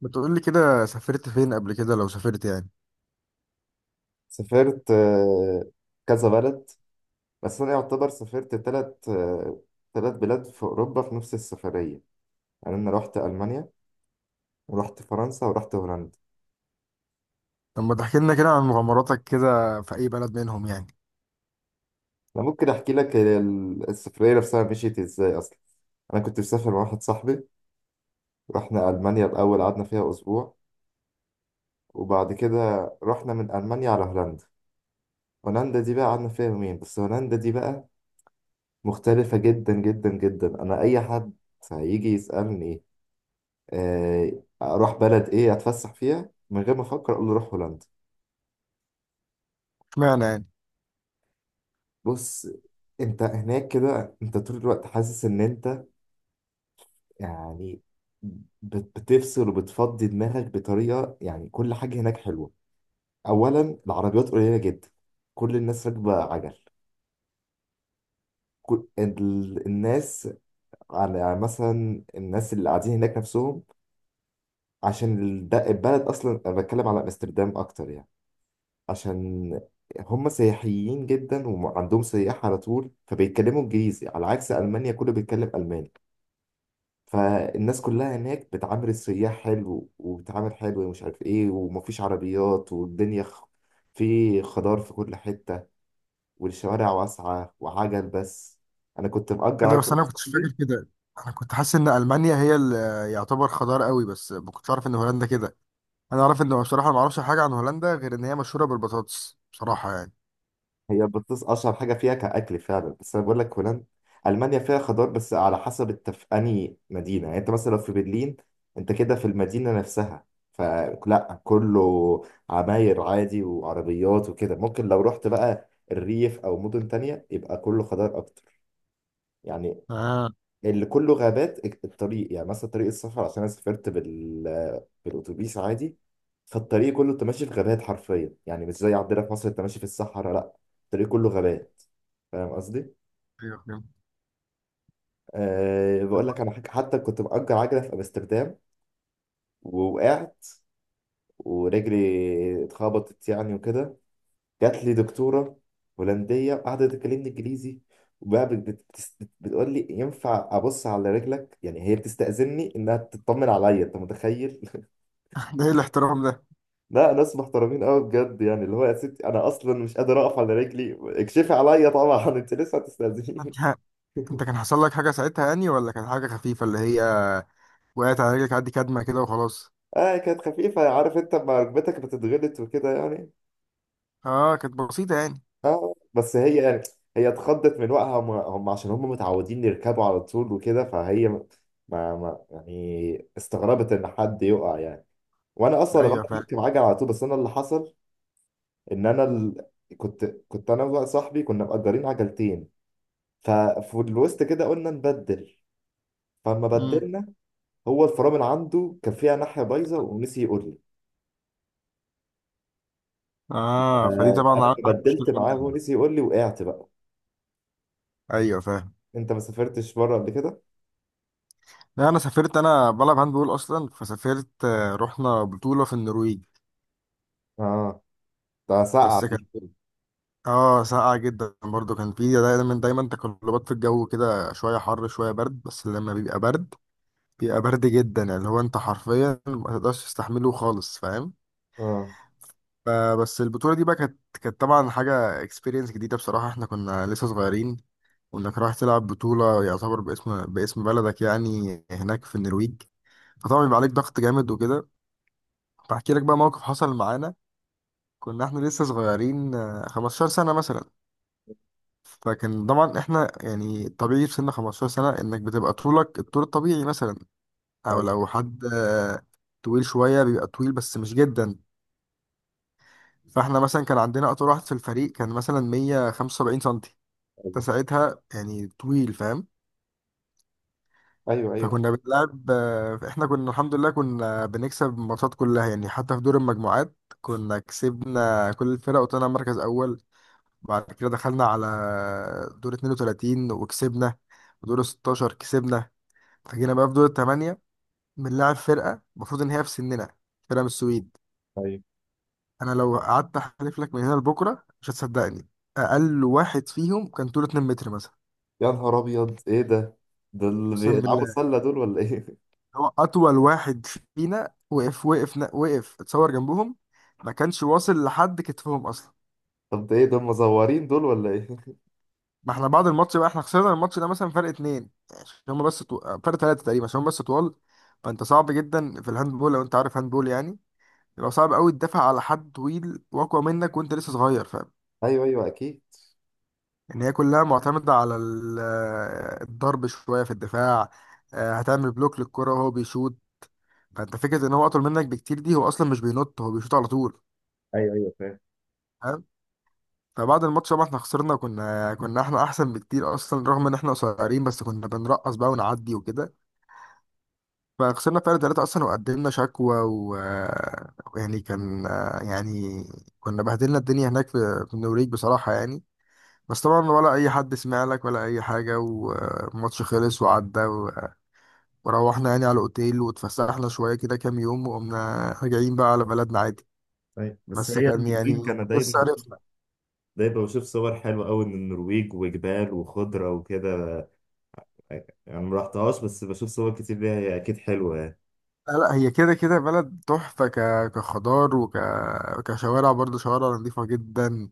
بتقول لي كده سافرت فين قبل كده لو سافرت يعني؟ سافرت كذا بلد. بس أنا يعتبر سافرت تلت بلاد في أوروبا في نفس السفرية. يعني أنا رحت ألمانيا ورحت فرنسا ورحت هولندا. طب ما تحكي لنا كده عن مغامراتك كده في اي بلد منهم يعني. أنا ممكن أحكي لك هي السفرية نفسها مشيت إزاي أصلا. أنا كنت مسافر مع واحد صاحبي، رحنا ألمانيا الأول، قعدنا فيها أسبوع، وبعد كده رحنا من ألمانيا على هولندا. هولندا دي بقى قعدنا فيها يومين بس. هولندا دي بقى مختلفة جدا جدا جدا. أنا أي حد هيجي يسألني آه، اروح بلد ايه اتفسح فيها، من غير ما افكر اقول له روح هولندا. اشمعنى يعني؟ بص، انت هناك كده انت طول الوقت حاسس ان انت يعني بتفصل وبتفضي دماغك بطريقه، يعني كل حاجه هناك حلوه. اولا العربيات قليله جدا، كل الناس راكبه عجل، كل الناس على، يعني مثلا الناس اللي قاعدين هناك نفسهم، عشان البلد اصلا، انا بتكلم على امستردام اكتر يعني، عشان هم سياحيين جدا وعندهم سياح على طول، فبيتكلموا انجليزي على عكس المانيا كله بيتكلم الماني. فالناس كلها هناك بتعامل السياح حلو وبتعامل حلو ومش عارف ايه، ومفيش عربيات والدنيا في خضار في كل حتة، والشوارع واسعة وعجل بس. انا كنت مأجر كده بس عجل. انا والله كنتش فاكر كده. انا كنت حاسس ان المانيا هي اللي يعتبر خضار قوي، بس ما كنتش عارف ان هولندا كده. انا عارف ان، بصراحه، ما اعرفش حاجه عن هولندا غير ان هي مشهوره بالبطاطس بصراحه يعني. هي بطز اشهر حاجه فيها كاكل فعلا، بس انا بقول لك هولندا. المانيا فيها خضار بس على حسب انت في انهي مدينه، يعني انت مثلا لو في برلين انت كده في المدينه نفسها، فلا، كله عماير عادي وعربيات وكده. ممكن لو رحت بقى الريف او مدن تانية يبقى كله خضار اكتر يعني، اه، اللي كله غابات. الطريق يعني مثلا طريق السفر، عشان انا سافرت بالاتوبيس عادي، فالطريق كله انت ماشي في غابات حرفيا، يعني مش زي عندنا في مصر انت ماشي في الصحراء، لا، الطريق كله غابات. فاهم قصدي؟ ايوه فهمت. أه بقول لك انا حاجة، حتى كنت مأجر عجلة في امستردام، ووقعت ورجلي اتخبطت يعني وكده. جات لي دكتورة هولندية قعدت تكلمني انجليزي، وبقى بتقول لي ينفع ابص على رجلك، يعني هي بتستأذني انها تطمن عليا، انت متخيل؟ ده ايه الاحترام ده؟ لا ناس محترمين قوي بجد، يعني اللي هو يا ستي انا اصلا مش قادر اقف على رجلي، اكشفي عليا طبعا، انت لسه انت، هتستاذيني. انت كان حصل لك حاجه ساعتها يعني، ولا كانت حاجه خفيفه اللي هي وقعت على رجلك عادي، كدمه كده وخلاص؟ اه كانت خفيفه، عارف انت لما ركبتك بتتغلط وكده يعني. اه كانت بسيطه يعني. اه بس هي يعني، هي اتخضت من وقعها هم، عشان هم متعودين يركبوا على طول وكده، فهي ما يعني استغربت ان حد يقع يعني. وانا اصلا بعرف ايوه اركب عجل على طول، بس انا اللي حصل ان كنت انا وصاحبي كنا مأجرين عجلتين، ففي الوسط كده قلنا نبدل، فلما فاهم. بدلنا هو الفرامل عنده كان فيها ناحية بايظة ونسي يقول لي. اه، فدي آه، أنا طبعا عملت لما معاك بدلت مشكله معاه جامده هو أوي. نسي يقول لي، وقعت بقى. ايوه فاهم. أنت ما سافرتش بره قبل كده؟ لا، انا سافرت، انا بلعب هاند بول اصلا، فسافرت رحنا بطوله في النرويج. آه، ده ساقعة بس دي. كانت، اه، ساقعه جدا برضو، كان في دايما تقلبات في الجو كده، شويه حر شويه برد، بس لما بيبقى برد بيبقى برد جدا، يعني اللي هو انت حرفيا ما تقدرش تستحمله خالص، فاهم؟ آه. ف- بس البطوله دي بقى كانت طبعا حاجه اكسبيرينس جديده بصراحه، احنا كنا لسه صغيرين. وانك رايح تلعب بطولة يعتبر باسم بلدك يعني هناك في النرويج، فطبعا بيبقى عليك ضغط جامد وكده. فاحكي لك بقى موقف حصل معانا. كنا احنا لسه صغيرين، 15 سنة مثلا. فكان طبعا احنا يعني طبيعي في سن 15 سنة انك بتبقى طولك الطول الطبيعي مثلا، او أيوه. لو حد، طويل شوية بيبقى طويل بس مش جدا. فاحنا مثلا كان عندنا اطول واحد في الفريق كان مثلا 175 سنتي، أيوه. فساعتها يعني طويل، فاهم؟ أيوه. أيوه. فكنا بنلعب، احنا كنا الحمد لله كنا بنكسب الماتشات كلها يعني، حتى في دور المجموعات كنا كسبنا كل الفرق وطلعنا مركز اول. بعد كده دخلنا على دور 32 وكسبنا، ودور 16 كسبنا، فجينا بقى في دور الثمانية بنلعب فرقة المفروض ان هي في سننا، فرقة من السويد. أيوه. انا لو قعدت احلف لك من هنا لبكرة مش هتصدقني، اقل واحد فيهم كان طوله 2 متر مثلا. يا نهار أبيض، إيه ده؟ دول اقسم بيلعبوا بالله. سلة دول ولا إيه؟ هو اطول واحد فينا وقف اتصور جنبهم، ما كانش واصل لحد كتفهم اصلا. طب ده إيه، دول مزورين دول ولا إيه؟ ما احنا بعد الماتش بقى، احنا خسرنا الماتش ده مثلا فرق اتنين عشان هم بس فرق تلاتة تقريبا عشان هم بس طوال. فانت صعب جدا في الهاند بول، لو انت عارف هاند بول يعني، يبقى صعب قوي تدافع على حد طويل واقوى منك وانت لسه صغير، فاهم؟ أيوه أيوه أكيد. ان هي كلها معتمدة على الضرب شوية في الدفاع، هتعمل بلوك للكرة وهو بيشوط. فانت فكرة ان هو اطول منك بكتير دي، هو اصلا مش بينط، هو بيشوط على طول. ايوه ايوه فاهم. فبعد الماتش طبعا احنا خسرنا، كنا احنا احسن بكتير اصلا رغم ان احنا قصيرين، بس كنا بنرقص بقى ونعدي وكده. فخسرنا فرق ثلاثة اصلا، وقدمنا شكوى و يعني كان يعني كنا بهدلنا الدنيا هناك في النوريج بصراحة يعني، بس طبعا ولا اي حد سمع لك ولا اي حاجة، والماتش خلص وعدى وروحنا يعني على الاوتيل واتفسحنا شوية كده كام يوم، وقمنا راجعين بقى على بلدنا عادي. ايوه، بس بس هي كان النرويج يعني انا دايما بس بشوف، عرفنا دايما بشوف صور حلوه قوي من النرويج وجبال وخضره وكده، يعني ما رحتهاش بس بشوف صور كتير ليها، هي اكيد حلوه يعني. لا لا، هي كده كده بلد تحفة، كخضار، كشوارع برضه، شوارع نظيفة جدا.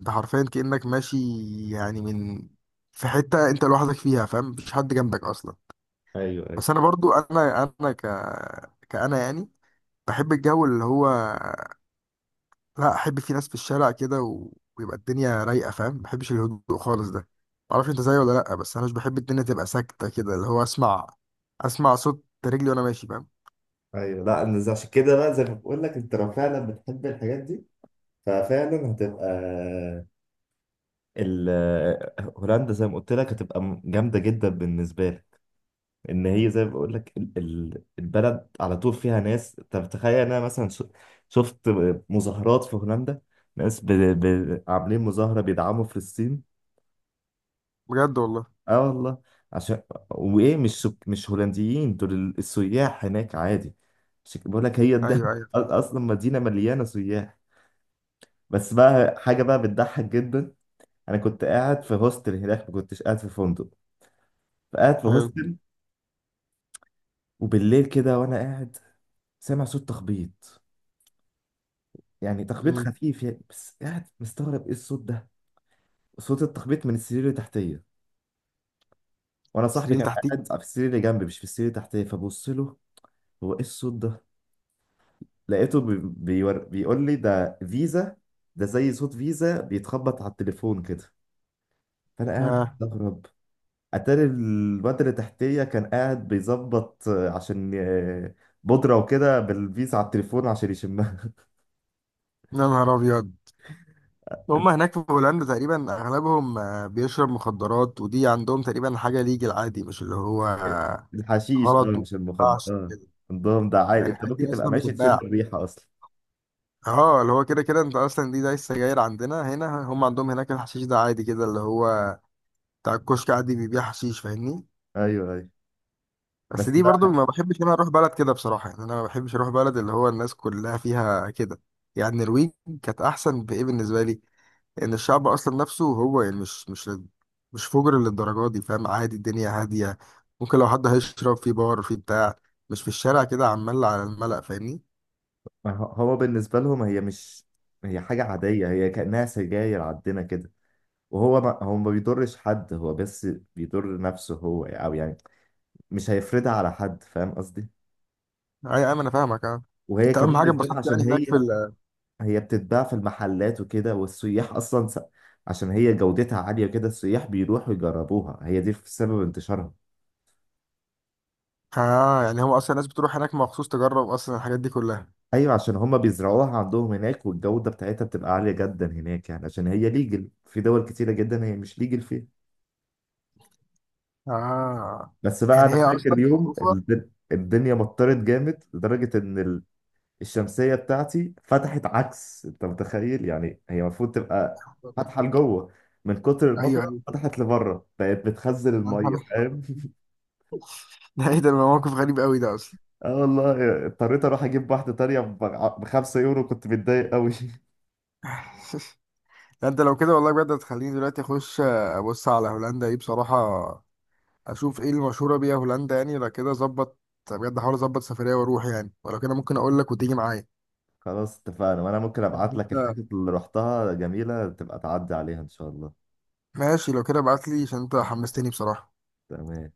انت حرفيا كأنك ماشي، يعني من في حتة انت لوحدك فيها، فاهم؟ مفيش حد جنبك اصلا. ايوه ايوه. بس انا برضو، انا انا ك كأنا يعني بحب الجو اللي هو، لا، احب فيه ناس في الشارع كده و... ويبقى الدنيا رايقة، فاهم؟ ما بحبش الهدوء خالص ده، معرفش انت زيي ولا لا، بس انا مش بحب الدنيا تبقى ساكتة كده، اللي هو اسمع صوت رجلي وانا ماشي، فاهم؟ ايوه، لا أنا عشان كده بقى زي ما بقول لك، انت لو فعلا بتحب الحاجات دي ففعلا هتبقى ال هولندا زي ما قلت لك هتبقى جامده جدا بالنسبه لك. ان هي زي ما بقول لك البلد على طول فيها ناس. طب تخيل، انا مثلا شفت مظاهرات في هولندا، ناس عاملين مظاهره بيدعموا فلسطين. بجد والله؟ اه والله. عشان وايه، مش مش هولنديين، دول السياح هناك عادي. عشان كده بقول لك هي الدهب. ايوه ايوه فاهم. اصلا مدينه مليانه سياح. بس بقى حاجه بقى بتضحك جدا، انا كنت قاعد في هوستل هناك، ما كنتش قاعد في فندق، فقاعد في حلو. هوستل وبالليل كده، وانا قاعد سامع صوت تخبيط، يعني تخبيط مم. خفيف يعني، بس قاعد مستغرب ايه الصوت ده. صوت التخبيط من السرير اللي تحتيه، وانا صاحبي مصريين كان تحتيك. قاعد في السرير اللي جنبي مش في السرير اللي تحتيه، فبص له، هو ايه الصوت ده؟ لقيته بيقول لي ده فيزا، ده زي صوت فيزا بيتخبط على التليفون كده. فانا قاعد آه. استغرب. اتاري الواد اللي تحتيه كان قاعد بيظبط، عشان بودرة وكده بالفيزا على التليفون عشان يشمها. يا نهار ابيض، هم هناك في هولندا تقريبا اغلبهم، بيشرب مخدرات، ودي عندهم تقريبا حاجه ليجل عادي، مش اللي هو الحشيش اه، غلط وما مش المخدر ينفعش اه. كده. عندهم ده عادي، يعني انت الحاجات ممكن دي تبقى اصلا ماشي تشم بتتباع؟ الريحة اصلا. اه، اللي هو كده كده انت اصلا دي زي السجاير عندنا هنا، هم عندهم هناك الحشيش ده عادي كده، اللي هو بتاع الكشك عادي بيبيع حشيش، فاهمني؟ ايوه ايوه. بس بس دي برضو بقى، ما بحبش إن انا اروح بلد كده بصراحه يعني، انا ما بحبش اروح بلد اللي هو الناس كلها فيها كده. يعني النرويج كانت احسن بايه بالنسبه لي، يعني الشعب اصلا نفسه هو يعني مش مش فجر للدرجه دي، فاهم؟ عادي، الدنيا هاديه. ممكن لو حد هيشرب في بار، في بتاع، مش في الشارع كده عمال على الملأ، فاهمني؟ ما هو هو بالنسبة لهم هي مش، هي حاجة عادية، هي كأنها سجاير عندنا كده. وهو ما هو ما بيضرش حد، هو بس بيضر نفسه هو، او يعني مش هيفرضها على حد، فاهم قصدي. اي ايوه انا فاهمك اه. وهي انت اهم كمان حاجه بالذات اتبسطت عشان يعني هناك في هي، ال، هي بتتباع في المحلات وكده، والسياح اصلا عشان هي جودتها عالية كده، السياح بيروحوا يجربوها، هي دي في سبب انتشارها. اه. يعني هو اصلا الناس بتروح هناك مخصوص تجرب اصلا الحاجات دي كلها. ايوه، عشان هما بيزرعوها عندهم هناك، والجودة بتاعتها بتبقى عالية جدا هناك يعني، عشان هي ليجل في دول كتيرة جدا، هي مش ليجل فيها. اه، بس بقى يعني انا هي فاكر اصلا يوم معروفه. الدنيا مطرت جامد لدرجة ان الشمسية بتاعتي فتحت عكس، انت متخيل؟ يعني هي المفروض تبقى فاتحة لجوه، من كتر ايوه المطرة ايوه. فتحت لبره بقت بتخزن يا نهار المية، أبيض. فاهم؟ ده ايه ده، موقف غريب قوي ده اصلا. اه والله اضطريت اروح اجيب واحدة تانية ب 5 يورو، كنت متضايق قوي. ده انت لو كده والله بجد هتخليني دلوقتي اخش، ابص على هولندا دي بصراحه، اشوف ايه المشهوره بيها هولندا يعني. لو كده ظبط بجد، احاول اظبط سفريه واروح يعني، ولو كده ممكن اقول لك وتيجي معايا. خلاص اتفقنا، وانا ممكن يعني ابعت لك انت الحاجات اللي رحتها جميلة تبقى تعدي عليها ان شاء الله. ماشي، لو كده ابعت لي، عشان انت حمستني بصراحه. تمام.